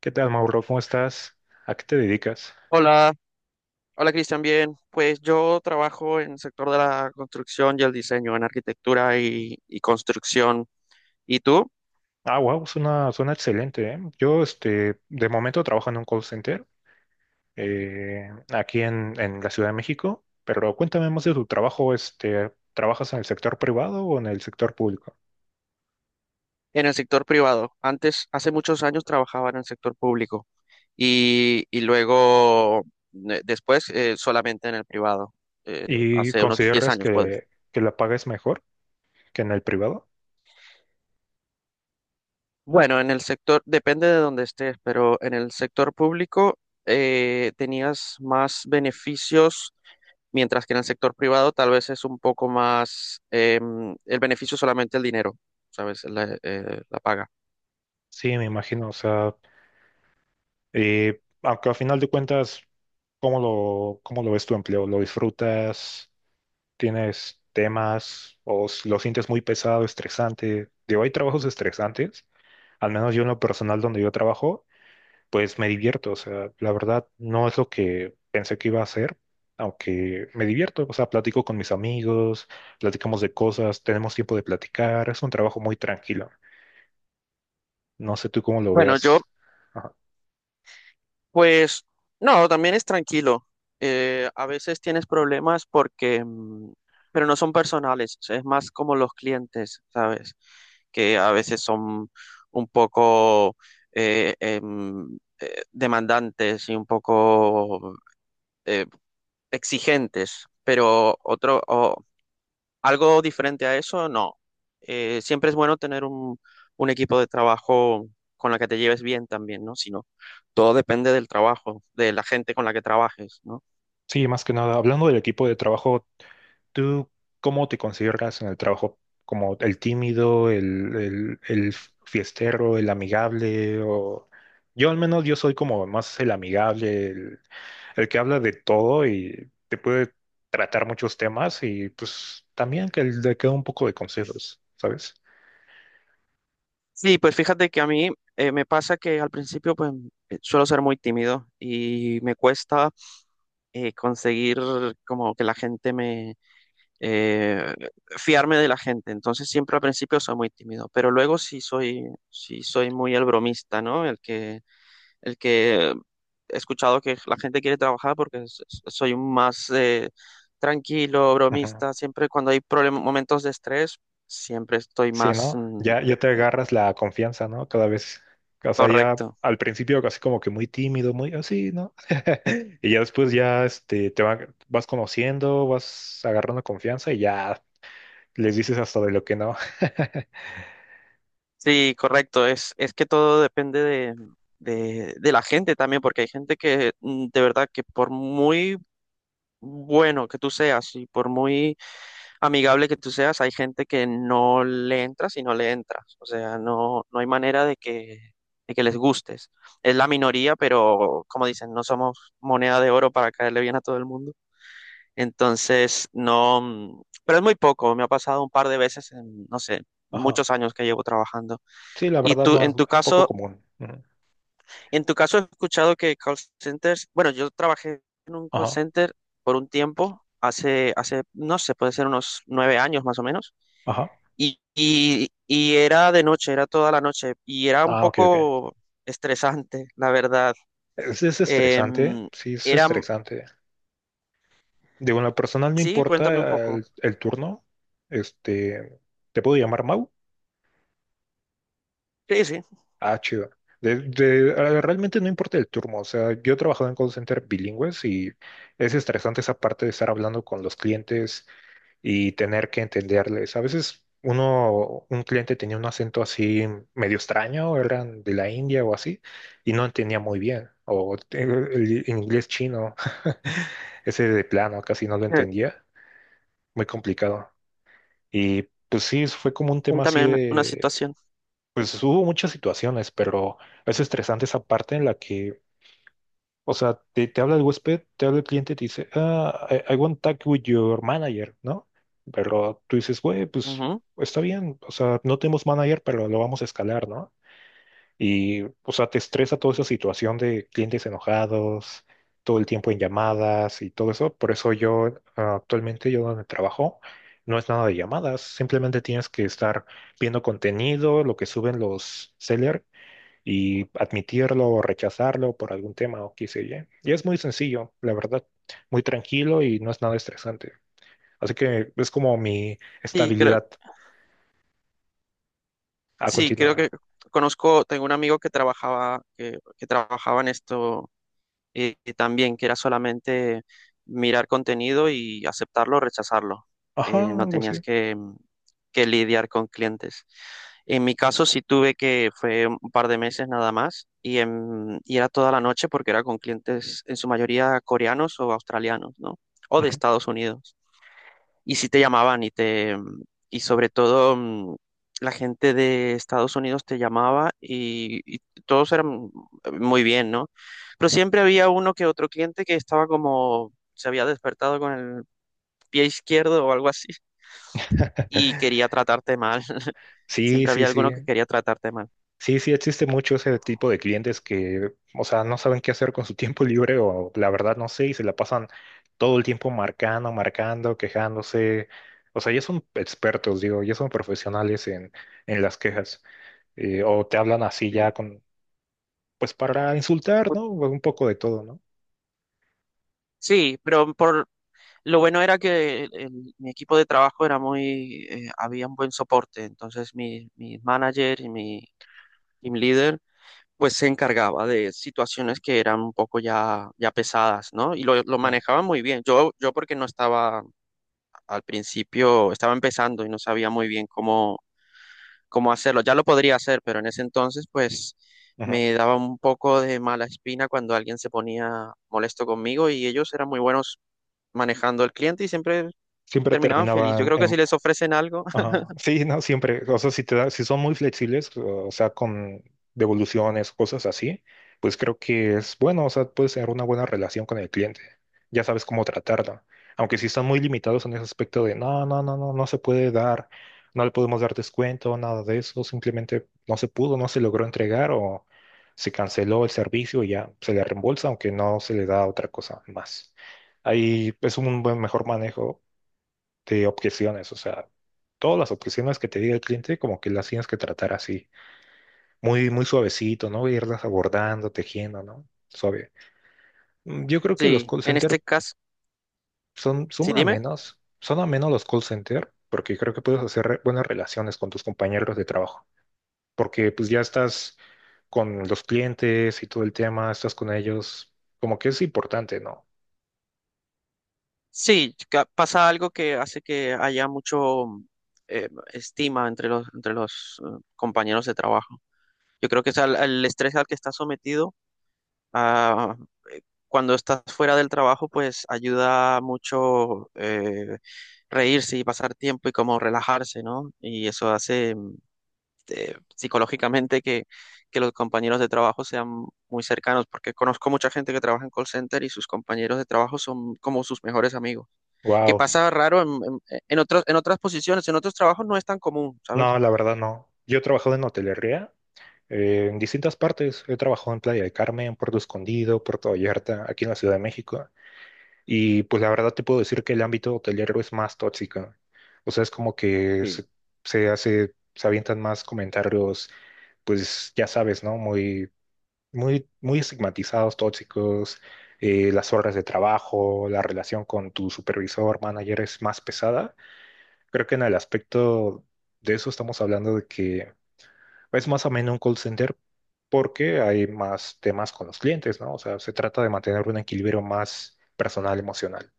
¿Qué tal, Mauro? ¿Cómo estás? ¿A qué te dedicas? Hola, hola Cristian, bien. Pues yo trabajo en el sector de la construcción y el diseño, en arquitectura y construcción. ¿Y tú? Ah, wow, suena excelente, ¿eh? Yo, este, de momento trabajo en un call center aquí en la Ciudad de México, pero cuéntame más de tu trabajo, este, ¿trabajas en el sector privado o en el sector público? En el sector privado. Antes, hace muchos años trabajaba en el sector público y luego, después, solamente en el privado. eh, ¿Y hace unos 10 consideras años, puedes. que la paga es mejor que en el privado? Bueno, en el sector, depende de donde estés, pero en el sector público tenías más beneficios mientras que en el sector privado tal vez es un poco más el beneficio solamente el dinero, ¿sabes? La paga. Sí, me imagino, o sea, aunque al final de cuentas, ¿cómo lo ves tu empleo? ¿Lo disfrutas? Tienes temas o lo sientes muy pesado, estresante. Digo, hay trabajos estresantes, al menos yo en lo personal donde yo trabajo, pues me divierto. O sea, la verdad no es lo que pensé que iba a hacer, aunque me divierto. O sea, platico con mis amigos, platicamos de cosas, tenemos tiempo de platicar. Es un trabajo muy tranquilo. No sé tú cómo lo Bueno, yo veas. Ajá. pues no, también es tranquilo. A veces tienes problemas porque, pero no son personales, o sea, es más como los clientes, ¿sabes? Que a veces son un poco demandantes y un poco eh, exigentes, pero algo diferente a eso, no. Siempre es bueno tener un equipo de trabajo con la que te lleves bien también, ¿no? Sino todo depende del trabajo, de la gente con la que trabajes, ¿no? Sí, más que nada, hablando del equipo de trabajo. ¿Tú cómo te consideras en el trabajo? ¿Como el tímido, el fiestero, el amigable? O... Yo al menos yo soy como más el amigable, el que habla de todo y te puede tratar muchos temas y pues también que le queda un poco de consejos, ¿sabes? Sí, pues fíjate que a mí me pasa que al principio pues suelo ser muy tímido y me cuesta conseguir como que la gente me eh, fiarme de la gente. Entonces siempre al principio soy muy tímido, pero luego sí soy muy el bromista, ¿no? El que he escuchado que la gente quiere trabajar porque soy un más tranquilo, bromista, siempre cuando hay problemas, momentos de estrés, siempre estoy Sí, más ¿no? mm, Ya, ya te agarras la confianza, ¿no? Cada vez, o sea, ya Correcto. al principio casi como que muy tímido, muy así, ¿no? Y ya después ya este, vas conociendo, vas agarrando confianza y ya les dices hasta de lo que no. Sí, correcto, es que todo depende de, la gente también, porque hay gente que de verdad que por muy bueno que tú seas y por muy amigable que tú seas, hay gente que no le entras y no le entras. O sea, no, no hay manera de que les gustes. Es la minoría, pero como dicen, no somos moneda de oro para caerle bien a todo el mundo. Entonces, no, pero es muy poco. Me ha pasado un par de veces en, no sé, Ajá. muchos años que llevo trabajando. Sí, la Y verdad tú, no, en tu es poco caso, común. Ujú. en tu caso he escuchado que call centers, bueno, yo trabajé en un call Ajá, center por un tiempo. Hace, no sé, puede ser unos 9 años más o menos. ajá. Y era de noche, era toda la noche y era un Ah, ok, ok. poco estresante, la verdad. Es estresante, Em, sí, es era, estresante. Digo, en lo personal no sí, cuéntame un importa poco. El turno, este, ¿te puedo llamar Mau? Sí, sí, Ah, chido. Realmente no importa el turno, o sea, yo he trabajado en call center bilingües y es estresante esa parte de estar hablando con los clientes y tener que entenderles. A veces uno, un cliente tenía un acento así medio extraño, eran de la India o así, y no entendía muy bien, o el inglés chino, ese de plano, casi no lo eh, entendía, muy complicado. Y pues sí, fue como un tema así. cuéntame una situación. Pues hubo muchas situaciones, pero es estresante esa parte en la que, o sea, te habla el huésped, te habla el cliente y te dice, ah, I want talk with your manager, ¿no? Pero tú dices, güey, pues Ujú. está bien, o sea, no tenemos manager, pero lo vamos a escalar, ¿no? Y, o sea, te estresa toda esa situación de clientes enojados, todo el tiempo en llamadas y todo eso. Por eso yo, actualmente, yo donde trabajo, no es nada de llamadas, simplemente tienes que estar viendo contenido, lo que suben los sellers y admitirlo o rechazarlo por algún tema o qué sé yo. Y es muy sencillo, la verdad, muy tranquilo y no es nada estresante. Así que es como mi Sí, creo, estabilidad a sí, creo que continuar. Tengo un amigo que trabajaba, que trabajaba en esto también, que era solamente mirar contenido y aceptarlo o rechazarlo. Ajá, No algo tenías así. que, que lidiar con clientes. En mi caso sí tuve fue un par de meses nada más, y era toda la noche porque era con clientes en su mayoría coreanos o australianos, ¿no? O de Ujú. Estados Unidos y sí te llamaban y sobre todo la gente de Estados Unidos te llamaba y todos eran muy bien, ¿no? Pero siempre había uno que otro cliente que estaba como se había despertado con el pie izquierdo o algo así y quería tratarte mal. Sí, Siempre sí, había alguno sí. que quería tratarte mal. Sí, sí, existe mucho ese tipo de clientes que, o sea, no saben qué hacer con su tiempo libre o la verdad no sé y se la pasan todo el tiempo marcando, marcando, quejándose. O sea, ya son expertos, digo, ya son profesionales en las quejas. O te hablan así ya Sí. con, pues para insultar, Bu- ¿no? Un poco de todo, ¿no? Sí, pero por lo bueno era que mi equipo de trabajo era había un buen soporte, entonces mi manager y mi team leader pues se encargaba de situaciones que eran un poco ya, ya pesadas, ¿no? Y lo manejaba muy bien. Yo porque no estaba al principio, estaba empezando y no sabía muy bien cómo hacerlo. Ya lo podría hacer, pero en ese entonces, pues Ujú. me daba un poco de mala espina cuando alguien se ponía molesto conmigo y ellos eran muy buenos manejando al cliente y siempre Siempre terminaban feliz. Yo terminaban. creo que si les ofrecen algo, Ajá. Sí, no, siempre. O sea, si son muy flexibles, o sea, con devoluciones, cosas así, pues creo que es bueno, o sea, puedes tener una buena relación con el cliente. Ya sabes cómo tratarlo. Aunque si están muy limitados en ese aspecto de no, no, no, no, no se puede dar, no le podemos dar descuento, nada de eso, simplemente no se pudo, no se logró entregar o se canceló el servicio y ya se le reembolsa, aunque no se le da otra cosa más. Ahí es un buen mejor manejo de objeciones, o sea, todas las objeciones que te diga el cliente, como que las tienes que tratar así, muy, muy suavecito, ¿no? Irlas abordando, tejiendo, ¿no? Suave. Yo creo que los sí, call en center este caso, son, sí, dime. Son a menos los call center, porque creo que puedes hacer buenas relaciones con tus compañeros de trabajo, porque pues ya estás con los clientes y todo el tema, estás con ellos, como que es importante, ¿no? Sí, pasa algo que hace que haya mucho estima entre los compañeros de trabajo. Yo creo que es el estrés al que estás sometido, ah, cuando estás fuera del trabajo, pues ayuda mucho reírse y pasar tiempo y como relajarse, ¿no? Y eso hace psicológicamente que los compañeros de trabajo sean muy cercanos, porque conozco mucha gente que trabaja en call center y sus compañeros de trabajo son como sus mejores amigos que Wow. pasa raro en otras posiciones, en otros trabajos no es tan común, ¿sabes? No, la verdad no. Yo he trabajado en hotelería. En distintas partes he trabajado en Playa de Carmen, Puerto Escondido, Puerto Vallarta, aquí en la Ciudad de México. Y pues la verdad te puedo decir que el ámbito hotelero es más tóxico. O sea, es como que Sí, se hace, se avientan más comentarios, pues ya sabes, ¿no? Muy, muy, muy estigmatizados, tóxicos. Las horas de trabajo, la relación con tu supervisor, manager es más pesada. Creo que en el aspecto de eso estamos hablando de que es más o menos un call center porque hay más temas con los clientes, ¿no? O sea, se trata de mantener un equilibrio más personal, emocional.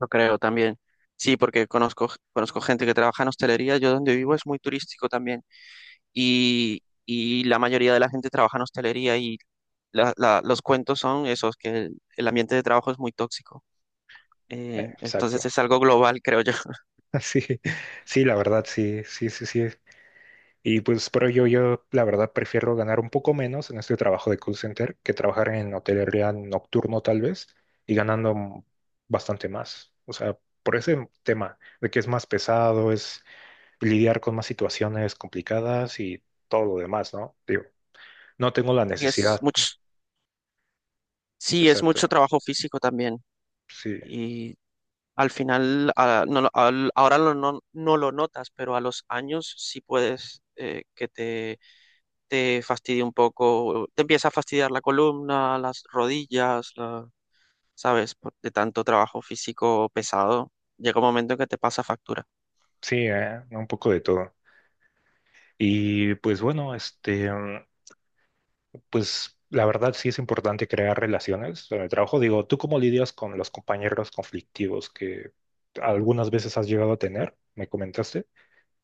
lo creo también. Sí, porque conozco gente que trabaja en hostelería, yo donde vivo es muy turístico también y la mayoría de la gente trabaja en hostelería y los cuentos son esos, que el ambiente de trabajo es muy tóxico. Entonces es Exacto. algo global, creo yo. Sí, sí, la verdad, sí, sí, sí, sí. Y pues, pero yo, la verdad, prefiero ganar un poco menos en este trabajo de call center que trabajar en hotelería nocturno, tal vez, y bastante más. O sea, por ese tema de que es más pesado, es lidiar con más situaciones complicadas y todo lo demás, ¿no? Digo, no tengo la Y es necesidad. mucho, sí, es Exacto. mucho trabajo físico también. Sí, Y al final, a- no lo- al- ahora lo no, no lo notas, pero a los años sí puedes que te fastidie un poco, te empieza a fastidiar la columna, las rodillas, ¿sabes? De tanto trabajo físico pesado, llega un momento en que te pasa factura. sí, un poco de todo. Y pues bueno, este, pues la verdad sí es importante crear relaciones en el trabajo. Digo, ¿tú cómo lidias con los compañeros conflictivos que algunas veces has llegado a tener? Me comentaste.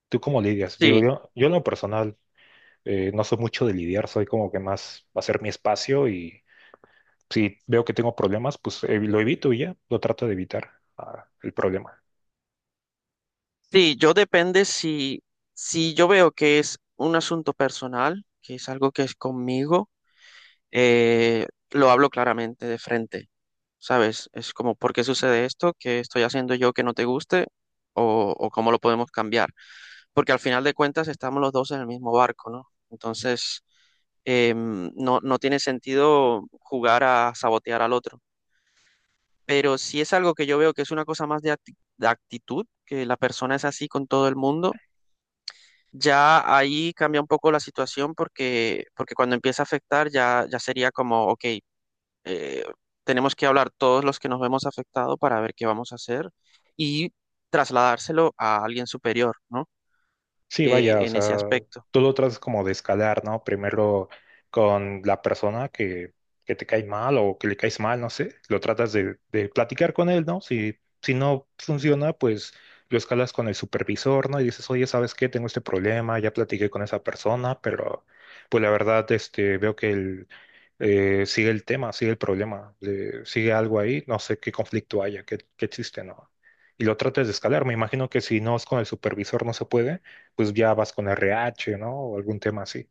¿Tú cómo lidias? Digo, Sí, yo en lo personal no soy mucho de lidiar, soy como que más hacer mi espacio y si veo que tengo problemas, pues lo evito y ya, lo trato de evitar el problema. sí, yo depende si yo veo que es un asunto personal, que es algo que es conmigo lo hablo claramente de frente, ¿sabes? Es como, ¿por qué sucede esto? ¿Qué estoy haciendo yo que no te guste? ¿O cómo lo podemos cambiar? Porque al final de cuentas estamos los dos en el mismo barco, ¿no? Entonces, no, no tiene sentido jugar a sabotear al otro. Pero si es algo que yo veo que es una cosa más de actitud, que la persona es así con todo el mundo, ya ahí cambia un poco la situación porque, cuando empieza a afectar ya, ya sería como, ok, eh, tenemos que hablar todos los que nos vemos afectados para ver qué vamos a hacer y trasladárselo a alguien superior, ¿no? Sí, Eh, vaya, o en ese sea, aspecto. tú lo tratas como de escalar, ¿no? Primero con la persona que te cae mal o que le caes mal, no sé, lo tratas de platicar con él, ¿no? Si no funciona, pues lo escalas con el supervisor, ¿no? Y dices, oye, ¿sabes qué? Tengo este problema, ya platiqué con esa persona, pero pues la verdad, este, veo que él sigue el tema, sigue el problema, sigue algo ahí, no sé qué conflicto haya, qué existe, ¿no? Y lo tratas de escalar. Me imagino que si no es con el supervisor, no se puede, pues ya vas con RH, ¿no? O algún tema así.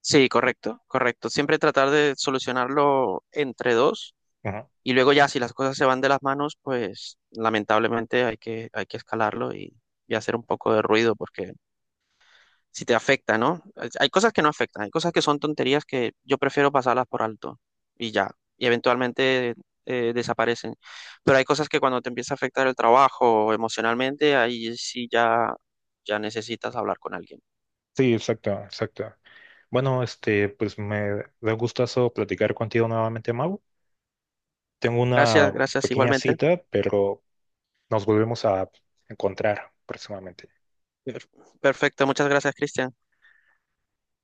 Sí, correcto, correcto. Siempre tratar de solucionarlo entre dos Ajá. y luego ya si las cosas se van de las manos, pues lamentablemente hay que escalarlo y hacer un poco de ruido porque si te afecta, ¿no? Hay cosas que no afectan, hay cosas que son tonterías que yo prefiero pasarlas por alto y ya, y eventualmente desaparecen. Pero hay cosas que cuando te empieza a afectar el trabajo emocionalmente, ahí sí ya necesitas hablar con alguien. Sí, exacto, exacto. Bueno, este, pues me da gustazo platicar contigo nuevamente, Mau. Tengo Gracias, una gracias pequeña igualmente. cita, pero nos volvemos a encontrar próximamente. Per- Perfecto, muchas gracias, Cristian.